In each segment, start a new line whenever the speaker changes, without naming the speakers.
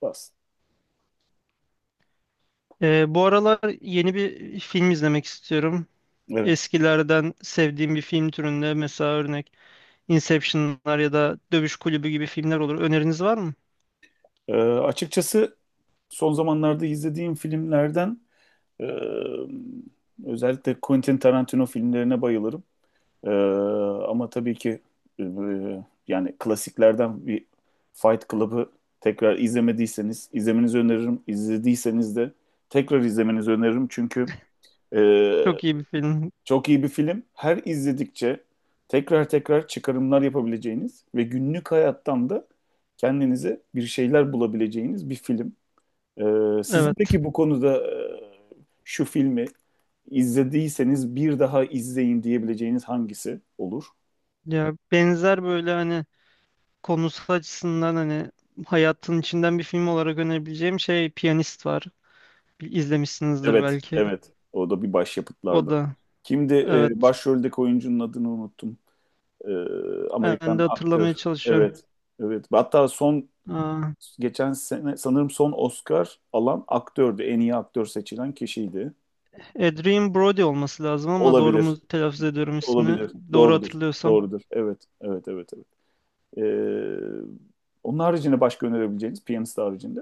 Bas.
Bu aralar yeni bir film izlemek istiyorum.
Evet.
Eskilerden sevdiğim bir film türünde, mesela örnek, Inception'lar ya da Dövüş Kulübü gibi filmler olur. Öneriniz var mı?
Açıkçası son zamanlarda izlediğim filmlerden e, özellikle Quentin Tarantino filmlerine bayılırım. Ee, Ama tabii ki e, yani klasiklerden bir Fight Club'ı tekrar izlemediyseniz izlemenizi öneririm. İzlediyseniz de tekrar izlemenizi öneririm. E,
Çok iyi bir film.
Çok iyi bir film. Her izledikçe tekrar tekrar çıkarımlar yapabileceğiniz ve günlük hayattan da kendinize bir şeyler bulabileceğiniz bir film. Sizin
Evet.
peki bu konuda şu filmi izlediyseniz bir daha izleyin diyebileceğiniz hangisi olur?
Ya benzer, böyle hani konusu açısından, hani hayatın içinden bir film olarak önerebileceğim şey, Piyanist var. Bir İzlemişsinizdir
Evet,
belki.
evet. O da bir
O
başyapıtlardan.
da
Kimdi
evet.
başroldeki oyuncunun adını unuttum.
Ben
Amerikan
de hatırlamaya
aktör.
çalışıyorum.
Evet, evet. Hatta son
Aa,
Geçen sene sanırım son Oscar alan aktördü. En iyi aktör seçilen kişiydi.
Adrien Brody olması lazım, ama doğru mu
Olabilir.
telaffuz ediyorum ismini?
Olabilir.
Doğru
Doğrudur.
hatırlıyorsam.
Doğrudur. Evet. Evet. Evet. Evet. Ee, Onun haricinde başka önerebileceğiniz piyanist haricinde.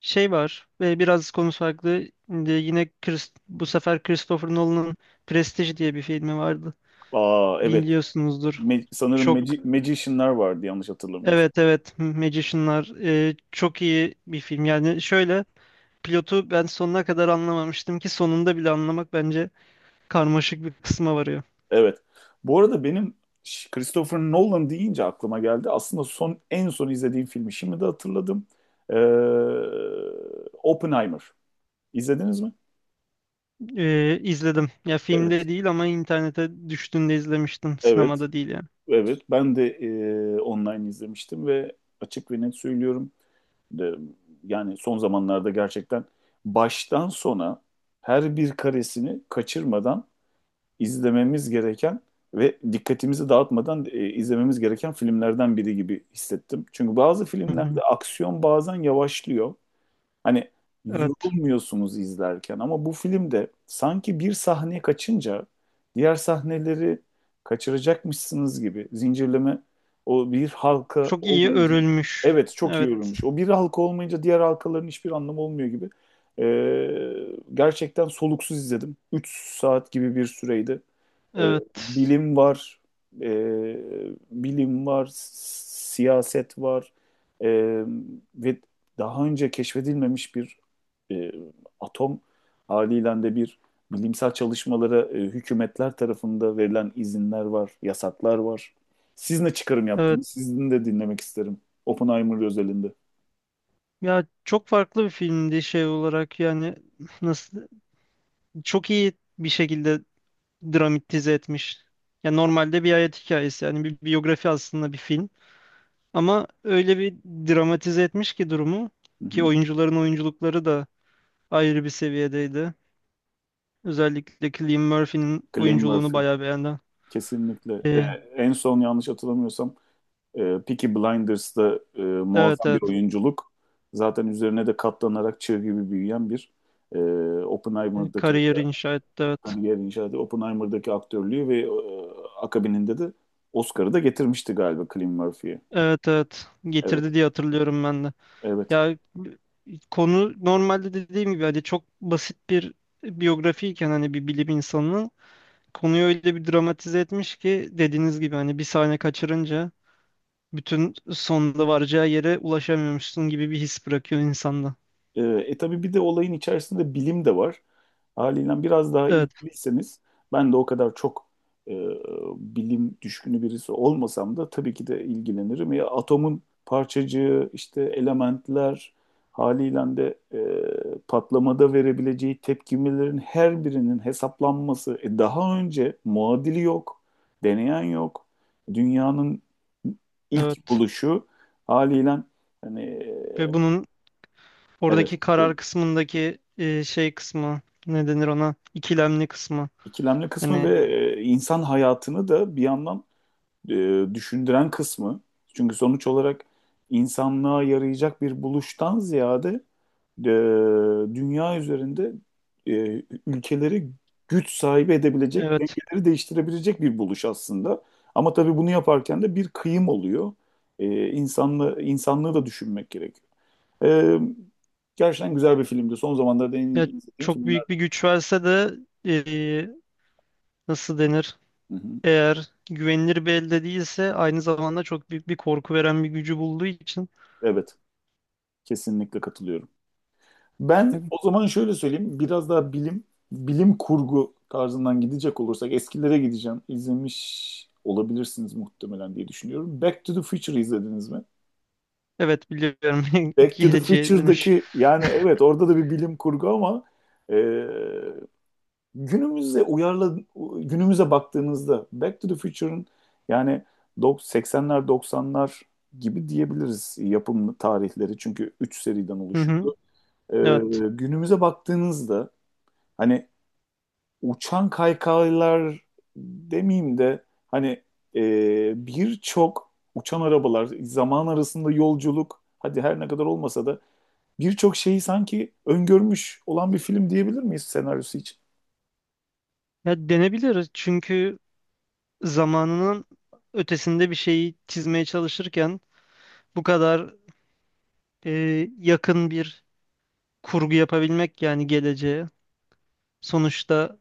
Şey var ve biraz konu farklı. Şimdi yine bu sefer Christopher Nolan'ın Prestige diye bir filmi vardı.
Aa evet.
Biliyorsunuzdur.
Sanırım
Çok
Magician'lar vardı yanlış hatırlamıyorsun.
evet, evet Magician'lar, çok iyi bir film. Yani şöyle, pilotu ben sonuna kadar anlamamıştım, ki sonunda bile anlamak bence karmaşık bir kısma varıyor.
Evet. Bu arada benim Christopher Nolan deyince aklıma geldi. Aslında son En son izlediğim filmi şimdi de hatırladım. Ee, Oppenheimer. İzlediniz mi?
E, izledim. Ya
Evet.
filmde değil ama internete düştüğünde izlemiştim.
Evet.
Sinemada değil yani.
Evet, ben de online izlemiştim ve açık ve net söylüyorum. De, Yani son zamanlarda gerçekten baştan sona her bir karesini kaçırmadan izlememiz gereken ve dikkatimizi dağıtmadan izlememiz gereken filmlerden biri gibi hissettim. Çünkü bazı
Hı hı.
filmlerde aksiyon bazen yavaşlıyor. Hani
Evet.
yorulmuyorsunuz izlerken ama bu filmde sanki bir sahne kaçınca diğer sahneleri kaçıracakmışsınız gibi zincirleme o bir halka
Çok iyi
olmayınca
örülmüş.
evet çok iyi
Evet.
örülmüş. O bir halka olmayınca diğer halkaların hiçbir anlamı olmuyor gibi. Gerçekten soluksuz izledim. 3 saat gibi bir süreydi. Ee,
Evet.
bilim var, ee, Bilim var, siyaset var. Ee, Ve daha önce keşfedilmemiş bir e, atom haliyle de bir bilimsel çalışmalara hükümetler tarafında verilen izinler var, yasaklar var. Siz ne çıkarım
Evet.
yaptınız? Sizin de dinlemek isterim. Oppenheimer özelinde.
Ya çok farklı bir filmdi şey olarak, yani nasıl çok iyi bir şekilde dramatize etmiş. Ya normalde bir hayat hikayesi, yani bir biyografi aslında bir film, ama öyle bir dramatize etmiş ki durumu,
Hı
ki
hı.
oyuncuların oyunculukları da ayrı bir seviyedeydi. Özellikle Cillian Murphy'nin
Cillian
oyunculuğunu
Murphy.
bayağı beğendim.
Kesinlikle.
Ee,
En son yanlış hatırlamıyorsam e, Peaky Blinders'da
evet,
muazzam bir
evet,
oyunculuk. Zaten üzerine de katlanarak çığ gibi büyüyen bir e, Oppenheimer'daki
kariyer inşa etti, evet.
kariyer inşa etti. Oppenheimer'daki aktörlüğü ve akabininde de Oscar'ı da getirmişti galiba Cillian Murphy'ye.
Evet, evet,
Evet,
getirdi diye hatırlıyorum ben de.
evet.
Ya konu normalde dediğim gibi hani çok basit bir biyografiyken, hani bir bilim insanının, konuyu öyle bir dramatize etmiş ki, dediğiniz gibi hani bir sahne kaçırınca bütün sonunda varacağı yere ulaşamıyormuşsun gibi bir his bırakıyor insanda.
Tabii bir de olayın içerisinde bilim de var. Haliyle biraz daha
Evet,
ilgiliyseniz ben de o kadar çok e, bilim düşkünü birisi olmasam da tabii ki de ilgilenirim. Ya atomun parçacığı, işte elementler haliyle de patlamada verebileceği tepkimelerin her birinin hesaplanması. Daha önce muadili yok, deneyen yok. Dünyanın ilk
evet.
buluşu haliyle hani
Ve bunun
evet
oradaki karar
buyurun.
kısmındaki şey kısmı, ne denir ona? İkilemli kısmı.
İkilemli kısmı
Hani
ve insan hayatını da bir yandan düşündüren kısmı. Çünkü sonuç olarak insanlığa yarayacak bir buluştan ziyade e, dünya üzerinde ülkeleri güç sahibi edebilecek,
evet,
dengeleri değiştirebilecek bir buluş aslında. Ama tabii bunu yaparken de bir kıyım oluyor. İnsanlığı da düşünmek gerekiyor. E, Gerçekten güzel bir filmdi. Son zamanlarda en
evet,
iyi izlediğim
çok
filmler.
büyük bir güç verse de, e, nasıl denir?
Hı hı.
Eğer güvenilir bir elde değilse, aynı zamanda çok büyük bir korku veren bir gücü bulduğu için
Evet, kesinlikle katılıyorum. Ben o zaman şöyle söyleyeyim. Bilim kurgu tarzından gidecek olursak eskilere gideceğim. İzlemiş olabilirsiniz muhtemelen diye düşünüyorum. Back to the Future izlediniz mi?
evet, biliyorum,
Back to the
geleceğe dönüş.
Future'daki yani evet orada da bir bilim kurgu ama e, günümüze uyarla günümüze baktığınızda Back to the Future'ın yani 80'ler 90'lar gibi diyebiliriz yapım tarihleri çünkü 3 seriden
Hı hı,
oluşuyordu. E,
evet.
Günümüze baktığınızda hani uçan kaykaylar demeyeyim de hani birçok uçan arabalar, zaman arasında yolculuk, hadi her ne kadar olmasa da birçok şeyi sanki öngörmüş olan bir film diyebilir miyiz senaryosu için?
Ya denebilir, çünkü zamanının ötesinde bir şeyi çizmeye çalışırken bu kadar e, yakın bir kurgu yapabilmek, yani geleceğe, sonuçta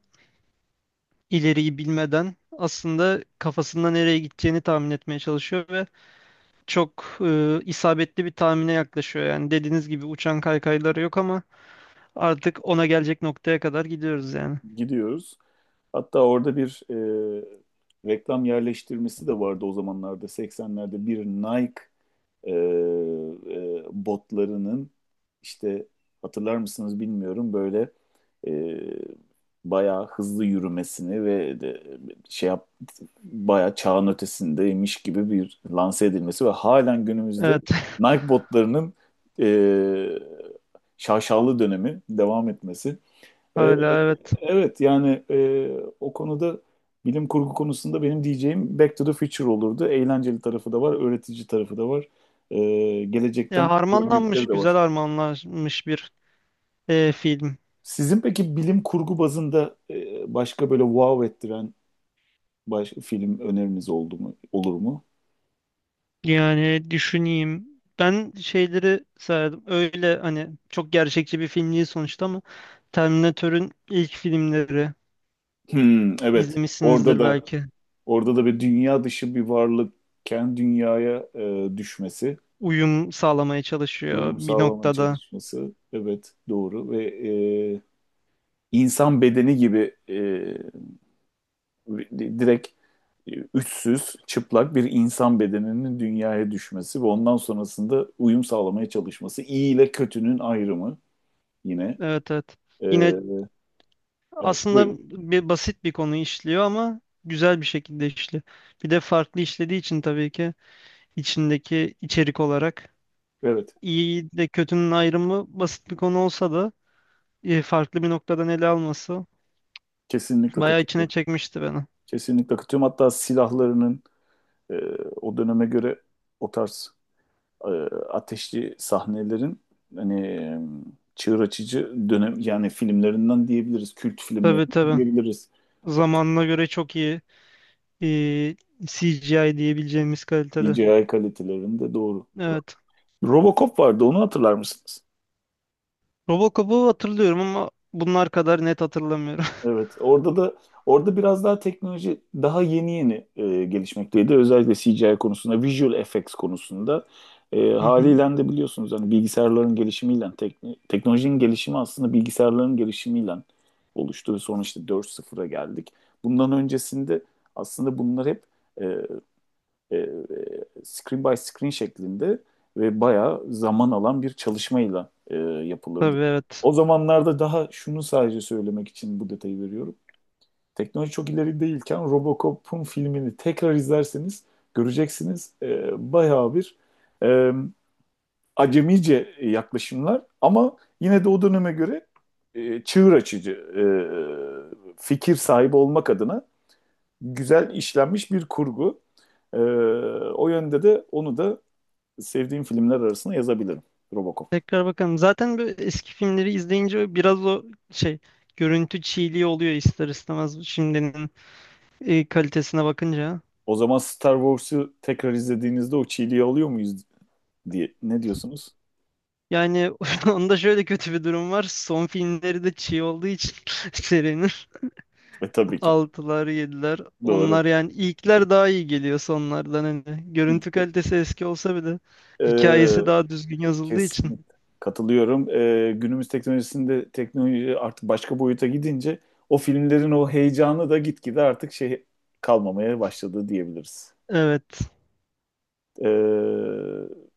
ileriyi bilmeden aslında kafasında nereye gideceğini tahmin etmeye çalışıyor ve çok isabetli bir tahmine yaklaşıyor. Yani dediğiniz gibi uçan kaykayları yok, ama artık ona gelecek noktaya kadar gidiyoruz yani.
Gidiyoruz. Hatta orada bir reklam yerleştirmesi de vardı o zamanlarda 80'lerde bir Nike e, botlarının işte hatırlar mısınız bilmiyorum böyle e, bayağı hızlı yürümesini ve de, şey yap bayağı çağın ötesindeymiş gibi bir lanse edilmesi ve halen günümüzde
Evet.
Nike botlarının e, şaşalı dönemi devam etmesi ee,
Hala evet.
evet yani o konuda bilim kurgu konusunda benim diyeceğim Back to the Future olurdu. Eğlenceli tarafı da var, öğretici tarafı da var. Gelecekten
Ya harmanlanmış,
gördükleri de
güzel
var.
harmanlanmış bir film.
Sizin peki bilim kurgu bazında başka böyle wow ettiren film öneriniz oldu mu, olur mu?
Yani düşüneyim. Ben şeyleri sayardım. Öyle hani çok gerçekçi bir film değil sonuçta, ama Terminator'ün ilk filmleri
Hmm, evet.
izlemişsinizdir belki.
Orada da bir dünya dışı bir varlık kendi dünyaya düşmesi,
Uyum sağlamaya çalışıyor
uyum
bir
sağlamaya
noktada.
çalışması. Evet, doğru ve insan bedeni gibi direkt üstsüz, çıplak bir insan bedeninin dünyaya düşmesi ve ondan sonrasında uyum sağlamaya çalışması. İyi ile kötünün ayrımı yine.
Evet, evet.
E,
Yine
evet,
aslında
buyur.
bir basit bir konu işliyor, ama güzel bir şekilde işliyor. Bir de farklı işlediği için tabii ki içindeki içerik olarak,
Evet,
iyi de kötünün ayrımı basit bir konu olsa da farklı bir noktadan ele alması
kesinlikle
bayağı içine
katılıyorum.
çekmişti beni.
Kesinlikle katılıyorum. Hatta silahlarının e, o döneme göre o tarz e, ateşli sahnelerin hani çığır açıcı dönem yani filmlerinden diyebiliriz, kült
Tabii,
filmlerinden
tabii.
diyebiliriz.
Zamanına göre çok iyi e, CGI diyebileceğimiz kalitede.
DJI kalitelerinde doğru.
Evet.
Robocop vardı onu hatırlar mısınız?
Robocop'u hatırlıyorum ama bunlar kadar net hatırlamıyorum.
Evet orada da biraz daha teknoloji daha yeni yeni gelişmekteydi. Özellikle CGI konusunda, visual effects konusunda
Hı hı.
haliyle de biliyorsunuz hani bilgisayarların gelişimiyle teknolojinin gelişimi aslında bilgisayarların gelişimiyle oluştu ve sonra işte 4.0'a geldik. Bundan öncesinde aslında bunlar hep e, e, e, screen by screen şeklinde ve bayağı zaman alan bir çalışmayla yapılırdı.
Tabii, evet.
O zamanlarda daha şunu sadece söylemek için bu detayı veriyorum. Teknoloji çok ileri değilken Robocop'un filmini tekrar izlerseniz göreceksiniz bayağı bir e, acemice yaklaşımlar ama yine de o döneme göre çığır açıcı fikir sahibi olmak adına güzel işlenmiş bir kurgu. Ee, O yönde de onu da sevdiğim filmler arasına yazabilirim Robocop.
Tekrar bakalım. Zaten böyle eski filmleri izleyince biraz o şey, görüntü çiğliği oluyor ister istemez, şimdinin kalitesine bakınca.
O zaman Star Wars'u tekrar izlediğinizde o çiğliği alıyor muyuz diye ne diyorsunuz?
Yani onda şöyle kötü bir durum var. Son filmleri de çiğ olduğu için, serinin
E tabii ki.
altılar, yediler,
Doğru.
onlar, yani ilkler daha iyi geliyor sonlardan hani. Görüntü kalitesi eski olsa bile
Ee,
hikayesi daha düzgün yazıldığı için.
Kesinlikle. Katılıyorum. Günümüz teknolojisinde teknoloji artık başka boyuta gidince o filmlerin o heyecanı da gitgide artık şey kalmamaya başladı diyebiliriz.
Evet.
Ee,